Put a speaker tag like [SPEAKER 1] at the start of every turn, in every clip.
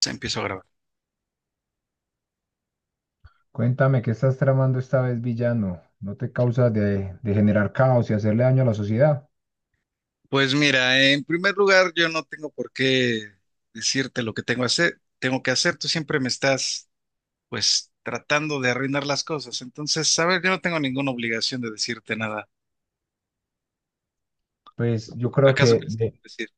[SPEAKER 1] Se empiezo a grabar.
[SPEAKER 2] Cuéntame, ¿qué estás tramando esta vez, villano? ¿No te causa de generar caos y hacerle daño a la sociedad?
[SPEAKER 1] Pues mira, en primer lugar, yo no tengo por qué decirte lo que tengo que hacer, Tú siempre me estás, pues, tratando de arruinar las cosas. Entonces, sabes, yo no tengo ninguna obligación de decirte nada.
[SPEAKER 2] Pues yo creo
[SPEAKER 1] ¿Acaso
[SPEAKER 2] que
[SPEAKER 1] quieres que te decir?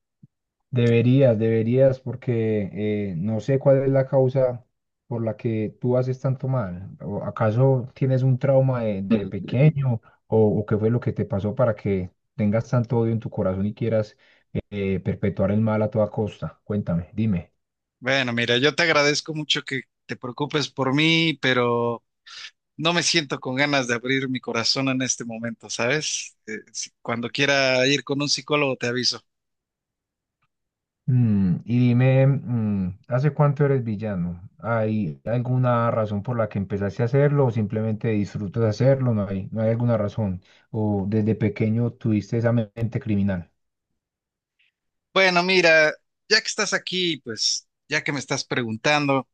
[SPEAKER 2] deberías, porque no sé cuál es la causa por la que tú haces tanto mal. ¿O acaso tienes un trauma de
[SPEAKER 1] Mm.
[SPEAKER 2] pequeño o qué fue lo que te pasó para que tengas tanto odio en tu corazón y quieras perpetuar el mal a toda costa? Cuéntame, dime.
[SPEAKER 1] Bueno, mira, yo te agradezco mucho que te preocupes por mí, pero no me siento con ganas de abrir mi corazón en este momento, ¿sabes? Cuando quiera ir con un psicólogo, te aviso.
[SPEAKER 2] Y dime, ¿hace cuánto eres villano? ¿Hay alguna razón por la que empezaste a hacerlo o simplemente disfrutas hacerlo? No hay alguna razón. ¿O desde pequeño tuviste esa mente criminal?
[SPEAKER 1] Bueno, mira, ya que estás aquí, pues, ya que me estás preguntando.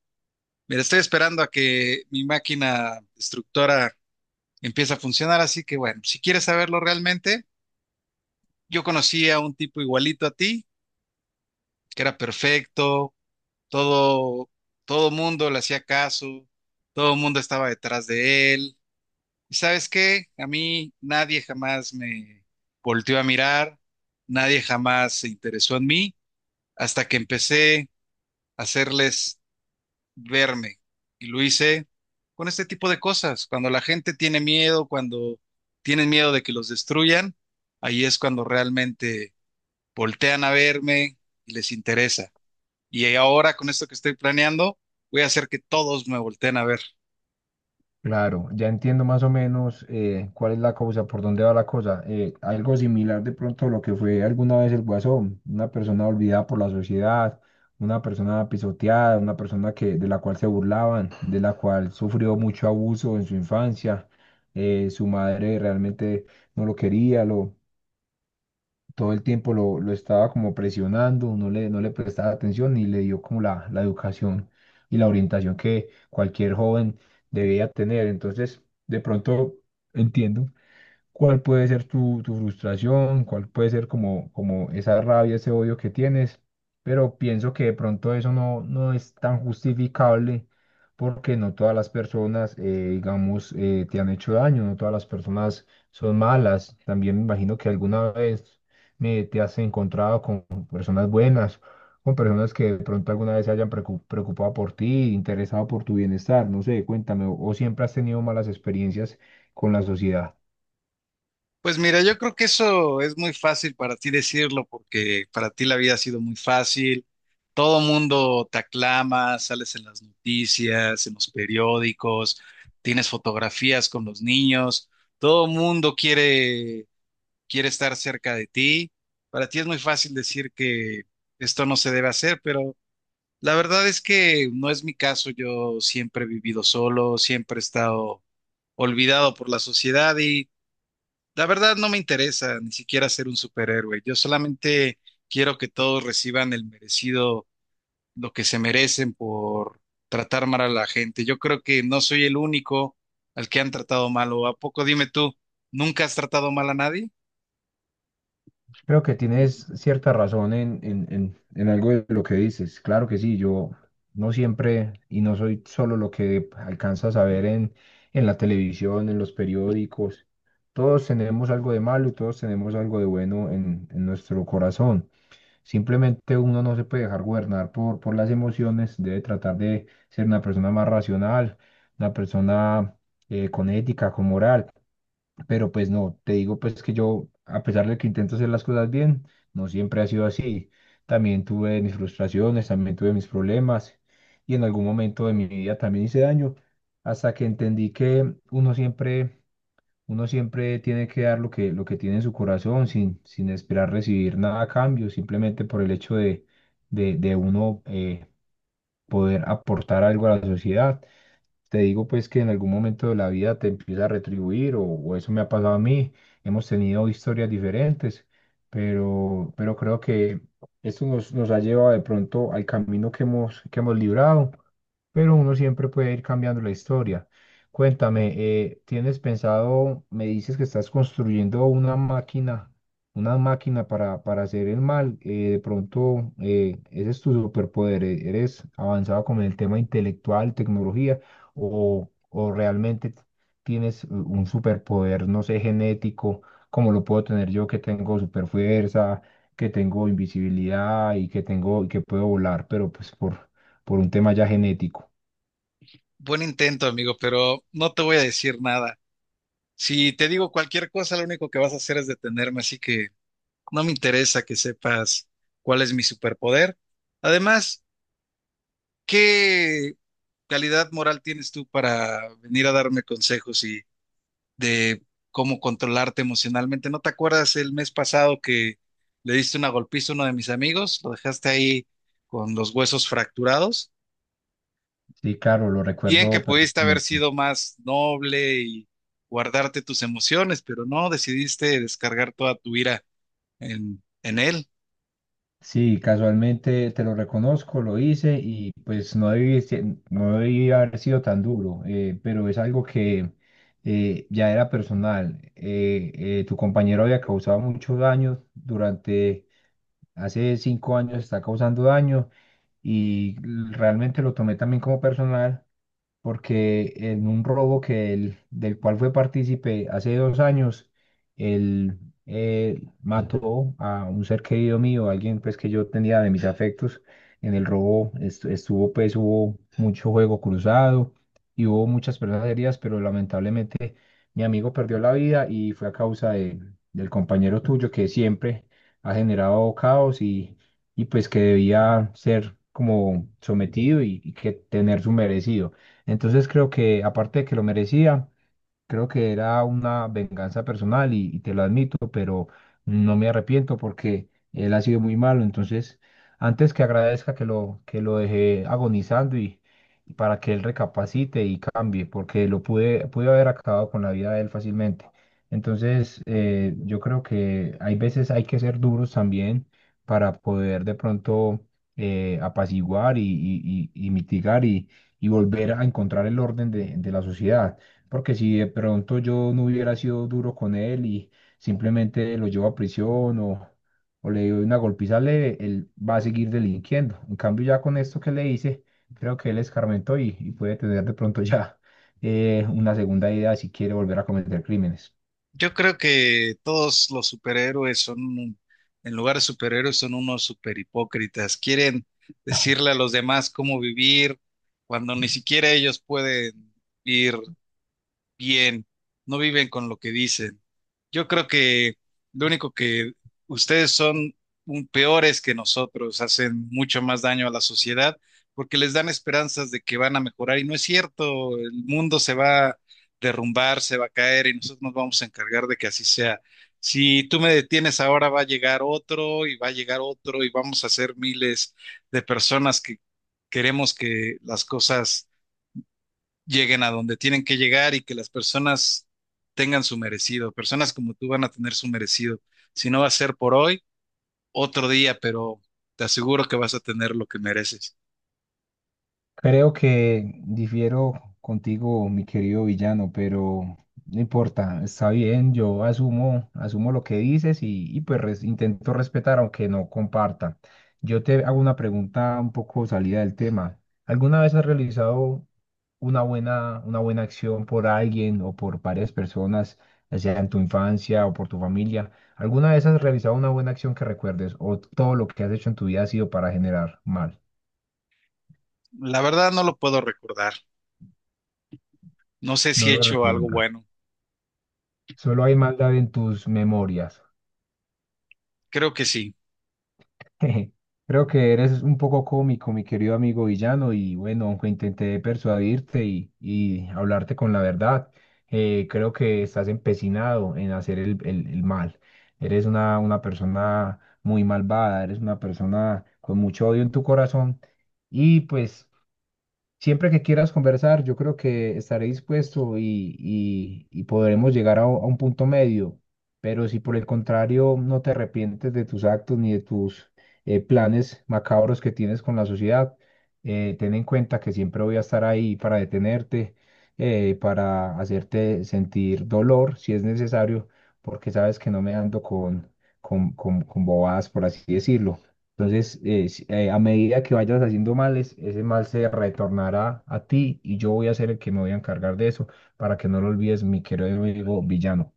[SPEAKER 1] Mira, estoy esperando a que mi máquina destructora empiece a funcionar, así que bueno, si quieres saberlo realmente, yo conocí a un tipo igualito a ti, que era perfecto, todo, todo mundo le hacía caso, todo el mundo estaba detrás de él. ¿Y sabes qué? A mí nadie jamás me volteó a mirar, nadie jamás se interesó en mí, hasta que empecé a hacerles verme. Y lo hice con este tipo de cosas. Cuando la gente tiene miedo, cuando tienen miedo de que los destruyan, ahí es cuando realmente voltean a verme y les interesa. Y ahora con esto que estoy planeando, voy a hacer que todos me volteen a ver.
[SPEAKER 2] Claro, ya entiendo más o menos cuál es la cosa, por dónde va la cosa. Algo similar de pronto a lo que fue alguna vez el Guasón, una persona olvidada por la sociedad, una persona pisoteada, una persona que, de la cual se burlaban, de la cual sufrió mucho abuso en su infancia. Su madre realmente no lo quería, todo el tiempo lo estaba como presionando, no le prestaba atención y le dio como la educación y la orientación que cualquier joven debía tener. Entonces, de pronto entiendo cuál puede ser tu frustración, cuál puede ser como, como esa rabia, ese odio que tienes, pero pienso que de pronto eso no es tan justificable porque no todas las personas, digamos, te han hecho daño, no todas las personas son malas. También me imagino que alguna vez te has encontrado con personas buenas, con personas que de pronto alguna vez se hayan preocupado por ti, interesado por tu bienestar, no sé, cuéntame, o siempre has tenido malas experiencias con la sociedad.
[SPEAKER 1] Pues mira, yo creo que eso es muy fácil para ti decirlo, porque para ti la vida ha sido muy fácil. Todo mundo te aclama, sales en las noticias, en los periódicos, tienes fotografías con los niños, todo mundo quiere, quiere estar cerca de ti. Para ti es muy fácil decir que esto no se debe hacer, pero la verdad es que no es mi caso. Yo siempre he vivido solo, siempre he estado olvidado por la sociedad, la verdad no me interesa ni siquiera ser un superhéroe. Yo solamente quiero que todos reciban el merecido, lo que se merecen por tratar mal a la gente. Yo creo que no soy el único al que han tratado mal. ¿O a poco dime tú, nunca has tratado mal a nadie?
[SPEAKER 2] Creo que tienes cierta razón en algo de lo que dices. Claro que sí, yo no siempre y no soy solo lo que alcanzas a ver en la televisión, en los periódicos. Todos tenemos algo de malo y todos tenemos algo de bueno en nuestro corazón. Simplemente uno no se puede dejar gobernar por las emociones, debe tratar de ser una persona más racional, una persona con ética, con moral. Pero pues no, te digo pues que yo, a pesar de que intento hacer las cosas bien, no siempre ha sido así. También tuve mis frustraciones, también tuve mis problemas y en algún momento de mi vida también hice daño, hasta que entendí que uno siempre tiene que dar lo que tiene en su corazón sin, sin esperar recibir nada a cambio, simplemente por el hecho de uno poder aportar algo a la sociedad. Te digo pues que en algún momento de la vida te empieza a retribuir o eso me ha pasado a mí. Hemos tenido historias diferentes, pero creo que esto nos ha llevado de pronto al camino que hemos librado pero uno siempre puede ir cambiando la historia. Cuéntame, ¿tienes pensado, me dices que estás construyendo una máquina para hacer el mal? De pronto, ese es tu superpoder, ¿eres avanzado con el tema intelectual, tecnología, o realmente tienes un superpoder, no sé, genético, como lo puedo tener yo, que tengo superfuerza, que tengo invisibilidad y que tengo, y que puedo volar, pero pues por un tema ya genético?
[SPEAKER 1] Buen intento, amigo, pero no te voy a decir nada. Si te digo cualquier cosa, lo único que vas a hacer es detenerme, así que no me interesa que sepas cuál es mi superpoder. Además, ¿qué calidad moral tienes tú para venir a darme consejos y de cómo controlarte emocionalmente? ¿No te acuerdas el mes pasado que le diste una golpiza a uno de mis amigos? Lo dejaste ahí con los huesos fracturados.
[SPEAKER 2] Sí, claro, lo
[SPEAKER 1] Bien que
[SPEAKER 2] recuerdo
[SPEAKER 1] pudiste haber
[SPEAKER 2] perfectamente.
[SPEAKER 1] sido más noble y guardarte tus emociones, pero no, decidiste descargar toda tu ira en él.
[SPEAKER 2] Sí, casualmente te lo reconozco, lo hice y pues no debí, no debí haber sido tan duro, pero es algo que ya era personal. Tu compañero había causado mucho daño durante, hace cinco años está causando daño y realmente lo tomé también como personal porque en un robo que del cual fue partícipe hace dos años, él mató a un ser querido mío, alguien pues que yo tenía de mis afectos. En el robo estuvo pues hubo mucho juego cruzado y hubo muchas personas heridas, pero lamentablemente mi amigo perdió la vida y fue a del compañero tuyo que siempre ha generado caos y pues que debía ser como sometido y que tener su merecido. Entonces creo que aparte de que lo merecía, creo que era una venganza personal y te lo admito, pero no me arrepiento porque él ha sido muy malo. Entonces, antes que agradezca que que lo dejé agonizando y para que él recapacite y cambie, porque lo pude haber acabado con la vida de él fácilmente. Entonces, yo creo que hay veces hay que ser duros también para poder de pronto apaciguar y mitigar y volver a encontrar el orden de la sociedad. Porque si de pronto yo no hubiera sido duro con él y simplemente lo llevo a prisión o le doy una golpiza leve, él va a seguir delinquiendo. En cambio, ya con esto que le hice, creo que él escarmentó y puede tener de pronto ya una segunda idea si quiere volver a cometer crímenes.
[SPEAKER 1] Yo creo que todos los superhéroes son, en lugar de superhéroes, son unos superhipócritas. Quieren decirle a los demás cómo vivir cuando ni siquiera ellos pueden vivir bien, no viven con lo que dicen. Yo creo que lo único que ustedes son peores que nosotros, hacen mucho más daño a la sociedad porque les dan esperanzas de que van a mejorar y no es cierto, el mundo se va a derrumbar, se va a caer y nosotros nos vamos a encargar de que así sea. Si tú me detienes ahora, va a llegar otro y va a llegar otro y vamos a ser miles de personas que queremos que las cosas lleguen a donde tienen que llegar y que las personas tengan su merecido. Personas como tú van a tener su merecido. Si no va a ser por hoy, otro día, pero te aseguro que vas a tener lo que mereces.
[SPEAKER 2] Creo que difiero contigo, mi querido villano, pero no importa, está bien, yo asumo, asumo lo que dices y pues intento respetar aunque no comparta. Yo te hago una pregunta un poco salida del tema. ¿Alguna vez has realizado una buena acción por alguien o por varias personas, ya sea en tu infancia o por tu familia? ¿Alguna vez has realizado una buena acción que recuerdes o todo lo que has hecho en tu vida ha sido para generar mal?
[SPEAKER 1] La verdad no lo puedo recordar. No sé si
[SPEAKER 2] No
[SPEAKER 1] he
[SPEAKER 2] lo
[SPEAKER 1] hecho algo
[SPEAKER 2] recuerdas.
[SPEAKER 1] bueno.
[SPEAKER 2] Solo hay maldad en tus memorias.
[SPEAKER 1] Creo que sí.
[SPEAKER 2] Creo que eres un poco cómico, mi querido amigo villano, y bueno, aunque intenté persuadirte y hablarte con la verdad, creo que estás empecinado en hacer el mal. Eres una persona muy malvada, eres una persona con mucho odio en tu corazón y pues siempre que quieras conversar, yo creo que estaré dispuesto y podremos llegar a, a un punto medio. Pero si por el contrario no te arrepientes de tus actos ni de tus planes macabros que tienes con la sociedad, ten en cuenta que siempre voy a estar ahí para detenerte, para hacerte sentir dolor si es necesario, porque sabes que no me ando con bobadas, por así decirlo. Entonces, a medida que vayas haciendo males, ese mal se retornará a ti y yo voy a ser el que me voy a encargar de eso para que no lo olvides, mi querido amigo villano.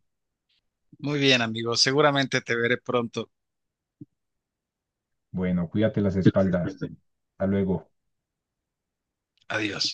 [SPEAKER 1] Muy bien, amigo. Seguramente te veré pronto.
[SPEAKER 2] Bueno, cuídate las espaldas. Hasta luego.
[SPEAKER 1] Adiós.